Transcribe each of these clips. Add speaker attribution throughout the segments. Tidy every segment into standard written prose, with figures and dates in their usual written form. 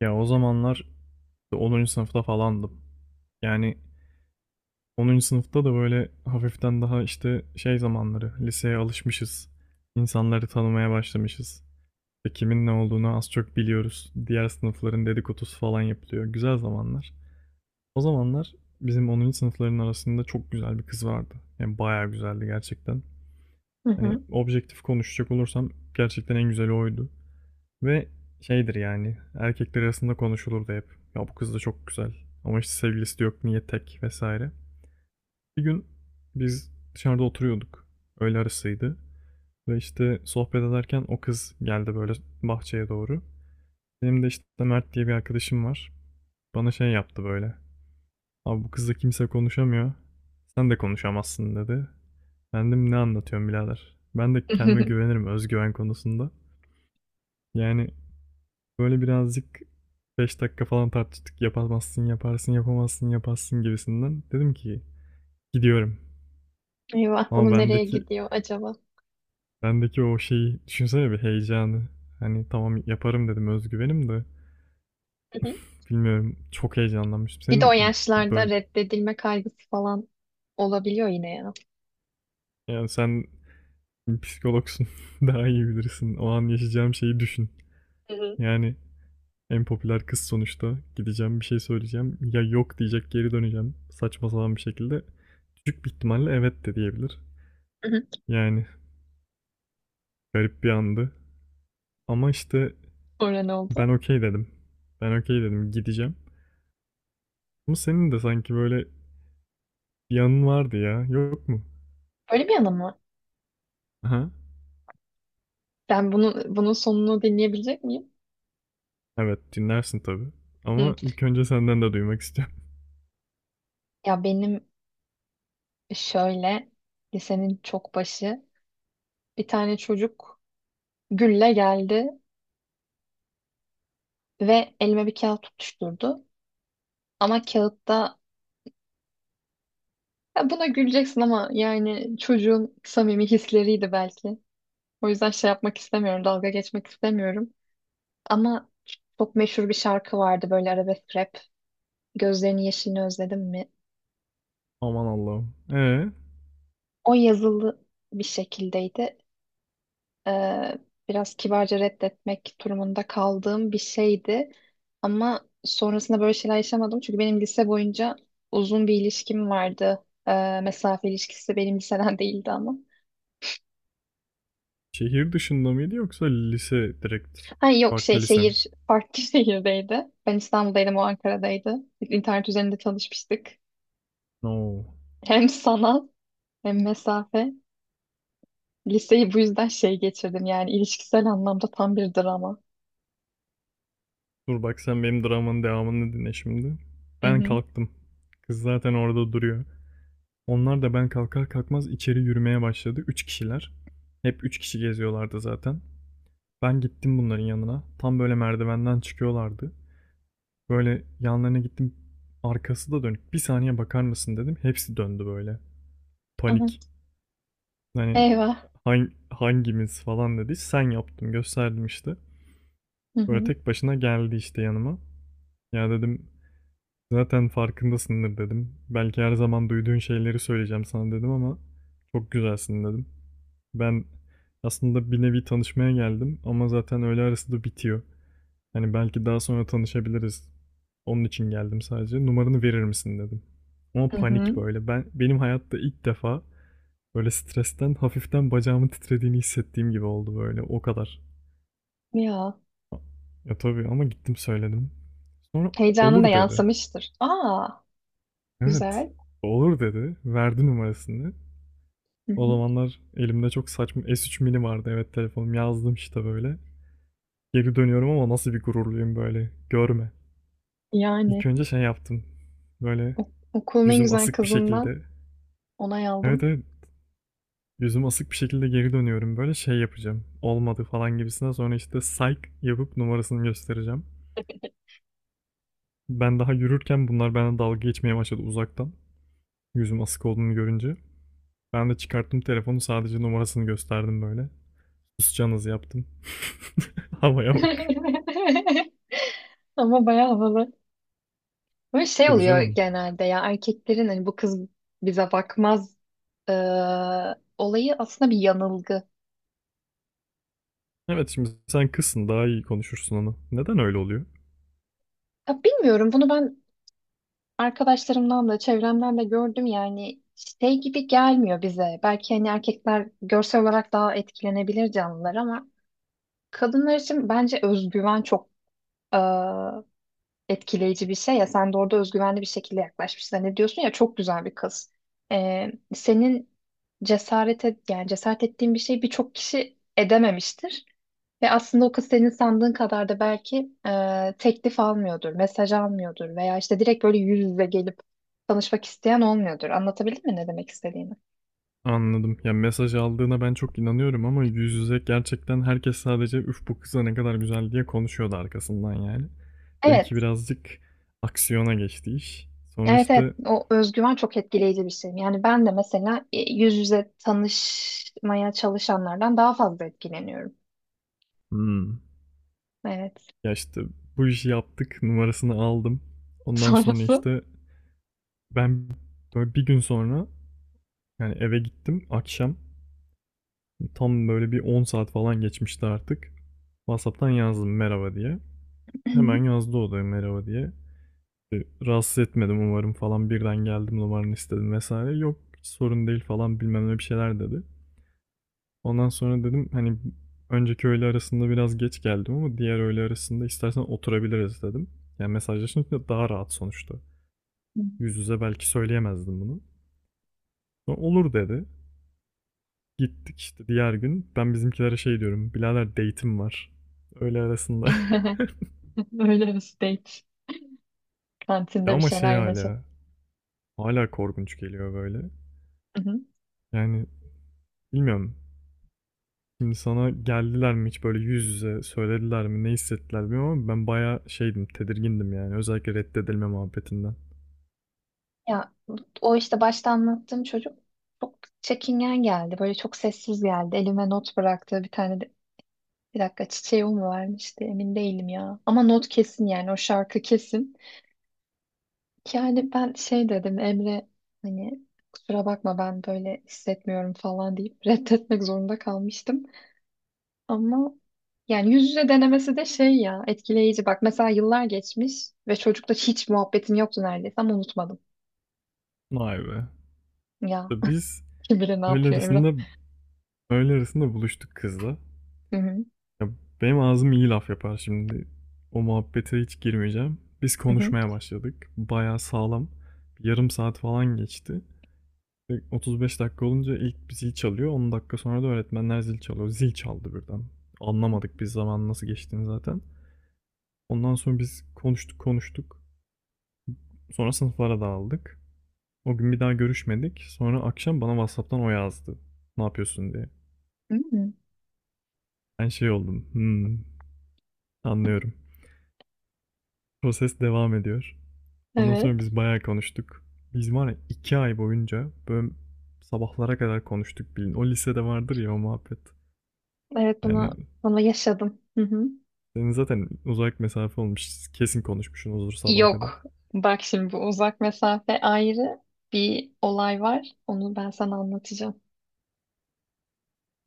Speaker 1: Ya o zamanlar işte 10. sınıfta falandım. Yani 10. sınıfta da böyle hafiften daha işte şey zamanları, liseye alışmışız. İnsanları tanımaya başlamışız. İşte kimin ne olduğunu az çok biliyoruz. Diğer sınıfların dedikodusu falan yapılıyor. Güzel zamanlar. O zamanlar bizim 10. sınıfların arasında çok güzel bir kız vardı. Yani bayağı güzeldi gerçekten.
Speaker 2: Hı
Speaker 1: Hani
Speaker 2: hı.
Speaker 1: objektif konuşacak olursam gerçekten en güzeli oydu. Ve şeydir yani erkekler arasında konuşulurdu hep. Ya bu kız da çok güzel ama işte sevgilisi de yok niye tek vesaire. Bir gün biz dışarıda oturuyorduk. Öğle arasıydı. Ve işte sohbet ederken o kız geldi böyle bahçeye doğru. Benim de işte Mert diye bir arkadaşım var. Bana şey yaptı böyle. Abi bu kızla kimse konuşamıyor. Sen de konuşamazsın dedi. Ben dedim ne anlatıyorum birader. Ben de kendime güvenirim özgüven konusunda. Yani böyle birazcık 5 dakika falan tartıştık. Yapamazsın, yaparsın, yapamazsın, yaparsın gibisinden. Dedim ki gidiyorum.
Speaker 2: Eyvah bunu
Speaker 1: Ama
Speaker 2: nereye
Speaker 1: bendeki
Speaker 2: gidiyor acaba?
Speaker 1: bendeki o şeyi düşünsene bir heyecanı. Hani tamam yaparım dedim özgüvenim de
Speaker 2: Hı hı.
Speaker 1: bilmiyorum çok heyecanlanmıştım.
Speaker 2: Bir de o
Speaker 1: Senin
Speaker 2: yaşlarda
Speaker 1: böyle
Speaker 2: reddedilme kaygısı falan olabiliyor yine ya.
Speaker 1: yani sen psikologsun daha iyi bilirsin. O an yaşayacağım şeyi düşün.
Speaker 2: Hı hı.
Speaker 1: Yani en popüler kız sonuçta. Gideceğim bir şey söyleyeceğim. Ya yok diyecek geri döneceğim. Saçma sapan bir şekilde. Küçük bir ihtimalle evet de diyebilir.
Speaker 2: Hı hı.
Speaker 1: Yani garip bir andı. Ama işte
Speaker 2: Sonra ne
Speaker 1: ben
Speaker 2: oldu?
Speaker 1: okey dedim. Ben okey dedim gideceğim. Ama senin de sanki böyle bir yanın vardı ya. Yok mu?
Speaker 2: Böyle bir yanı mı?
Speaker 1: Aha.
Speaker 2: Ben bunu, bunun sonunu dinleyebilecek miyim?
Speaker 1: Evet dinlersin tabii.
Speaker 2: Hı.
Speaker 1: Ama ilk önce senden de duymak istiyorum.
Speaker 2: Ya benim şöyle lisenin çok başı bir tane çocuk gülle geldi ve elime bir kağıt tutuşturdu. Ama kağıtta ya buna güleceksin ama yani çocuğun samimi hisleriydi belki. O yüzden şey yapmak istemiyorum, dalga geçmek istemiyorum. Ama çok meşhur bir şarkı vardı böyle arabesk rap. Gözlerinin yeşilini özledim mi?
Speaker 1: Aman Allah'ım.
Speaker 2: O yazılı bir şekildeydi. Ee, Biraz kibarca reddetmek durumunda kaldığım bir şeydi. Ama sonrasında böyle şeyler yaşamadım. Çünkü benim lise boyunca uzun bir ilişkim vardı. Mesafe ilişkisi benim liseden değildi ama.
Speaker 1: Şehir dışında mıydı yoksa lise direkt?
Speaker 2: Ha yok, şey
Speaker 1: Farklı lise mi?
Speaker 2: şehir farklı şehirdeydi. Ben İstanbul'daydım, o Ankara'daydı. İnternet üzerinde tanışmıştık.
Speaker 1: No.
Speaker 2: Hem sanat, hem mesafe. Liseyi bu yüzden şey geçirdim, yani ilişkisel anlamda tam bir drama.
Speaker 1: Dur bak sen benim dramanın devamını dinle şimdi.
Speaker 2: Hı
Speaker 1: Ben
Speaker 2: hı.
Speaker 1: kalktım. Kız zaten orada duruyor. Onlar da ben kalkar kalkmaz içeri yürümeye başladı. 3 kişiler. Hep 3 kişi geziyorlardı zaten. Ben gittim bunların yanına. Tam böyle merdivenden çıkıyorlardı. Böyle yanlarına gittim. Arkası da dönük. Bir saniye bakar mısın dedim. Hepsi döndü böyle.
Speaker 2: Aha.
Speaker 1: Panik. Hani
Speaker 2: Eyvah.
Speaker 1: hangimiz falan dedi. Sen yaptım gösterdim işte.
Speaker 2: Hı
Speaker 1: Böyle
Speaker 2: hı.
Speaker 1: tek başına geldi işte yanıma. Ya dedim zaten farkındasındır dedim. Belki her zaman duyduğun şeyleri söyleyeceğim sana dedim ama çok güzelsin dedim. Ben aslında bir nevi tanışmaya geldim ama zaten öğle arası da bitiyor. Hani belki daha sonra tanışabiliriz. Onun için geldim sadece. Numaranı verir misin dedim. Ama
Speaker 2: Hı hı.
Speaker 1: panik böyle. Benim hayatta ilk defa böyle stresten hafiften bacağımın titrediğini hissettiğim gibi oldu böyle. O kadar.
Speaker 2: Ya,
Speaker 1: Ya tabii ama gittim söyledim. Sonra
Speaker 2: heyecanı da
Speaker 1: olur dedi.
Speaker 2: yansımıştır. Aa,
Speaker 1: Evet.
Speaker 2: güzel.
Speaker 1: Olur dedi. Verdi numarasını.
Speaker 2: Hı
Speaker 1: O
Speaker 2: hı.
Speaker 1: zamanlar elimde çok saçma S3 mini vardı. Evet telefonum yazdım işte böyle. Geri dönüyorum ama nasıl bir gururluyum böyle. Görme. İlk
Speaker 2: Yani
Speaker 1: önce şey yaptım. Böyle
Speaker 2: okulun en
Speaker 1: Yüzüm
Speaker 2: güzel
Speaker 1: asık bir
Speaker 2: kızından
Speaker 1: şekilde.
Speaker 2: onay
Speaker 1: Evet
Speaker 2: aldım.
Speaker 1: evet. Yüzüm asık bir şekilde geri dönüyorum. Böyle şey yapacağım. Olmadı falan gibisine. Sonra işte psych yapıp numarasını göstereceğim. Ben daha yürürken bunlar bana dalga geçmeye başladı uzaktan. Yüzüm asık olduğunu görünce. Ben de çıkarttım telefonu sadece numarasını gösterdim böyle. Susacağınız yaptım. Havaya bak.
Speaker 2: Ama bayağı havalı. Böyle şey
Speaker 1: Tabii
Speaker 2: oluyor
Speaker 1: canım.
Speaker 2: genelde ya, erkeklerin hani bu kız bize bakmaz olayı aslında bir yanılgı.
Speaker 1: Evet şimdi sen kızsın daha iyi konuşursun onu. Neden öyle oluyor?
Speaker 2: Ya bilmiyorum bunu ben. Arkadaşlarımdan da, çevremden de gördüm yani şey gibi gelmiyor bize. Belki hani erkekler görsel olarak daha etkilenebilir canlılar ama kadınlar için bence özgüven çok e, etkileyici bir şey ya. Sen de orada özgüvenli bir şekilde yaklaşmışsın. Hani diyorsun ya, çok güzel bir kız. E, Senin cesarete, yani cesaret ettiğin bir şey birçok kişi edememiştir. Ve aslında o kız senin sandığın kadar da belki teklif almıyordur, mesaj almıyordur veya işte direkt böyle yüz yüze gelip tanışmak isteyen olmuyordur. Anlatabildim mi ne demek istediğimi?
Speaker 1: Anladım. Ya, mesaj aldığına ben çok inanıyorum ama yüz yüze gerçekten herkes sadece "Üf, bu kıza ne kadar güzel." diye konuşuyordu arkasından yani.
Speaker 2: Evet,
Speaker 1: Benimki birazcık aksiyona geçti iş. Sonra,
Speaker 2: evet, evet.
Speaker 1: işte,
Speaker 2: O özgüven çok etkileyici bir şey. Yani ben de mesela yüz yüze tanışmaya çalışanlardan daha fazla etkileniyorum.
Speaker 1: hımm,
Speaker 2: Evet.
Speaker 1: ya, işte, bu işi yaptık numarasını aldım. Ondan sonra,
Speaker 2: Sonrası
Speaker 1: işte, ben böyle bir gün sonra, yani, eve gittim akşam. Tam böyle bir 10 saat falan geçmişti artık. WhatsApp'tan yazdım merhaba diye. Hemen yazdı o da merhaba diye. E, rahatsız etmedim umarım falan birden geldim numaranı istedim vesaire. Yok sorun değil falan bilmem ne bir şeyler dedi. Ondan sonra dedim hani önceki öğle arasında biraz geç geldim ama diğer öğle arasında istersen oturabiliriz dedim. Yani mesajlaşınca daha rahat sonuçta. Yüz yüze belki söyleyemezdim bunu. Sonra olur dedi. Gittik işte diğer gün. Ben bizimkilere şey diyorum. Birader date'im var. Öğle arasında.
Speaker 2: öyle bir date. Kantinde bir
Speaker 1: Ama
Speaker 2: şeyler
Speaker 1: şey
Speaker 2: yemesi.
Speaker 1: hala. Hala korkunç geliyor böyle. Yani bilmiyorum. Şimdi sana geldiler mi hiç böyle yüz yüze söylediler mi ne hissettiler bilmiyorum ama ben bayağı şeydim tedirgindim yani özellikle reddedilme muhabbetinden.
Speaker 2: Ya, o işte başta anlattığım çocuk çok çekingen geldi. Böyle çok sessiz geldi. Elime not bıraktı. Bir tane de bir dakika, çiçeği o mu vermişti? Emin değilim ya. Ama not kesin, yani o şarkı kesin. Yani ben şey dedim, Emre, hani kusura bakma, ben böyle hissetmiyorum falan deyip reddetmek zorunda kalmıştım. Ama yani yüz yüze denemesi de şey ya, etkileyici. Bak mesela yıllar geçmiş ve çocukla hiç muhabbetim yoktu neredeyse ama unutmadım.
Speaker 1: Vay be.
Speaker 2: Ya,
Speaker 1: İşte biz
Speaker 2: kim bilir ne
Speaker 1: öğle
Speaker 2: yapıyor Emre.
Speaker 1: arasında öğle arasında buluştuk kızla.
Speaker 2: Hı hı.
Speaker 1: Ya benim ağzım iyi laf yapar şimdi. O muhabbete hiç girmeyeceğim. Biz
Speaker 2: Hı hı.
Speaker 1: konuşmaya başladık. Bayağı sağlam. Bir yarım saat falan geçti. Ve 35 dakika olunca ilk bir zil çalıyor. 10 dakika sonra da öğretmenler zil çalıyor. Zil çaldı birden. Anlamadık biz zaman nasıl geçtiğini zaten. Ondan sonra biz konuştuk konuştuk. Sonra sınıflara dağıldık. O gün bir daha görüşmedik. Sonra akşam bana WhatsApp'tan o yazdı. Ne yapıyorsun diye.
Speaker 2: Hmm.
Speaker 1: Ben şey oldum. Anlıyorum. Proses devam ediyor. Ondan sonra
Speaker 2: Evet.
Speaker 1: biz bayağı konuştuk. Biz var ya 2 ay boyunca böyle sabahlara kadar konuştuk bilin. O lisede vardır ya o muhabbet.
Speaker 2: Evet,
Speaker 1: Yani
Speaker 2: bunu yaşadım. Hı hı.
Speaker 1: senin zaten uzak mesafe olmuş. Kesin konuşmuşsunuzdur sabaha kadar.
Speaker 2: Yok. Bak şimdi bu uzak mesafe ayrı bir olay var. Onu ben sana anlatacağım.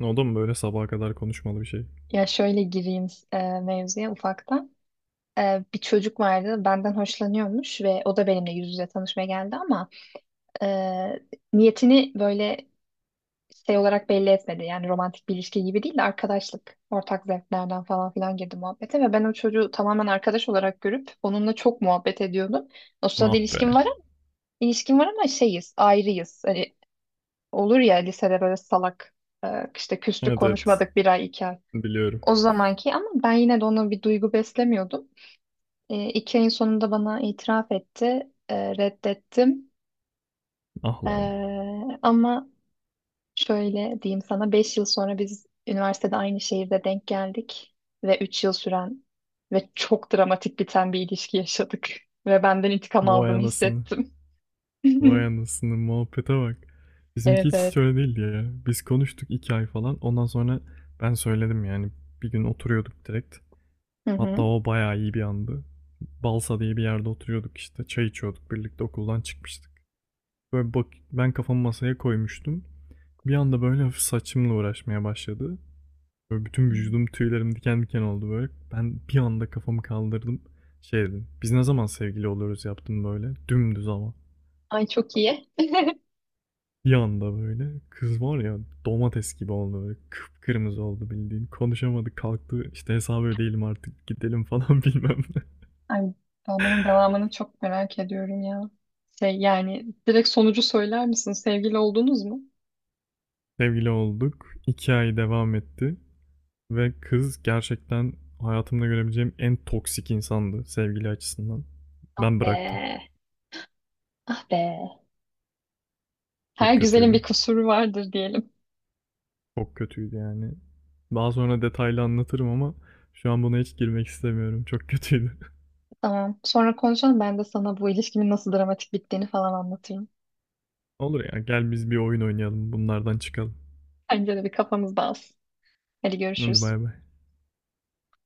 Speaker 1: O da mı böyle sabaha kadar konuşmalı bir şey?
Speaker 2: Ya şöyle gireyim mevzuya ufaktan. Bir çocuk vardı benden hoşlanıyormuş ve o da benimle yüz yüze tanışmaya geldi ama e, niyetini böyle şey olarak belli etmedi. Yani romantik bir ilişki gibi değil de arkadaşlık, ortak zevklerden falan filan girdi muhabbete ve ben o çocuğu tamamen arkadaş olarak görüp onunla çok muhabbet ediyordum. O sırada
Speaker 1: Ah be.
Speaker 2: ilişkim var ama şeyiz, ayrıyız. Hani olur ya lisede böyle salak, e, işte küstük,
Speaker 1: Evet evet.
Speaker 2: konuşmadık bir ay, iki ay.
Speaker 1: Biliyorum.
Speaker 2: O zamanki ama ben yine de ona bir duygu beslemiyordum. 2 ayın sonunda bana itiraf etti. Reddettim.
Speaker 1: Ah
Speaker 2: E,
Speaker 1: lan.
Speaker 2: ama şöyle diyeyim sana, 5 yıl sonra biz üniversitede aynı şehirde denk geldik ve 3 yıl süren ve çok dramatik biten bir ilişki yaşadık ve benden intikam
Speaker 1: Vay
Speaker 2: aldığını
Speaker 1: anasını.
Speaker 2: hissettim.
Speaker 1: Vay anasını muhabbete bak. Bizimki
Speaker 2: Evet,
Speaker 1: hiç
Speaker 2: evet.
Speaker 1: öyle değildi ya. Biz konuştuk 2 ay falan. Ondan sonra ben söyledim yani. Bir gün oturuyorduk direkt.
Speaker 2: Hı
Speaker 1: Hatta
Speaker 2: hı.
Speaker 1: o bayağı iyi bir andı. Balsa diye bir yerde oturuyorduk işte. Çay içiyorduk birlikte okuldan çıkmıştık. Böyle bak ben kafamı masaya koymuştum. Bir anda böyle hafif saçımla uğraşmaya başladı. Böyle bütün vücudum tüylerim diken diken oldu böyle. Ben bir anda kafamı kaldırdım. Şey dedim. Biz ne zaman sevgili oluyoruz yaptım böyle. Dümdüz ama.
Speaker 2: Ay, çok iyi.
Speaker 1: Bir anda böyle kız var ya domates gibi oldu böyle kıpkırmızı oldu bildiğin. Konuşamadık kalktı işte hesabı ödeyelim artık gidelim falan bilmem ne.
Speaker 2: Ay, ben bunun devamını çok merak ediyorum ya. Şey, yani direkt sonucu söyler misin? Sevgili oldunuz mu?
Speaker 1: Sevgili olduk. 2 ay devam etti ve kız gerçekten hayatımda görebileceğim en toksik insandı sevgili açısından.
Speaker 2: Ah
Speaker 1: Ben bıraktım.
Speaker 2: be. Ah be. Her
Speaker 1: Çok
Speaker 2: güzelin bir
Speaker 1: kötüydü.
Speaker 2: kusuru vardır diyelim.
Speaker 1: Çok kötüydü yani. Daha sonra detaylı anlatırım ama şu an buna hiç girmek istemiyorum. Çok kötüydü.
Speaker 2: Tamam. Sonra konuşalım. Ben de sana bu ilişkimin nasıl dramatik bittiğini falan anlatırım.
Speaker 1: Olur ya gel biz bir oyun oynayalım bunlardan çıkalım.
Speaker 2: Önce de bir kafamız dağılsın. Hadi
Speaker 1: Hadi
Speaker 2: görüşürüz.
Speaker 1: bay bay.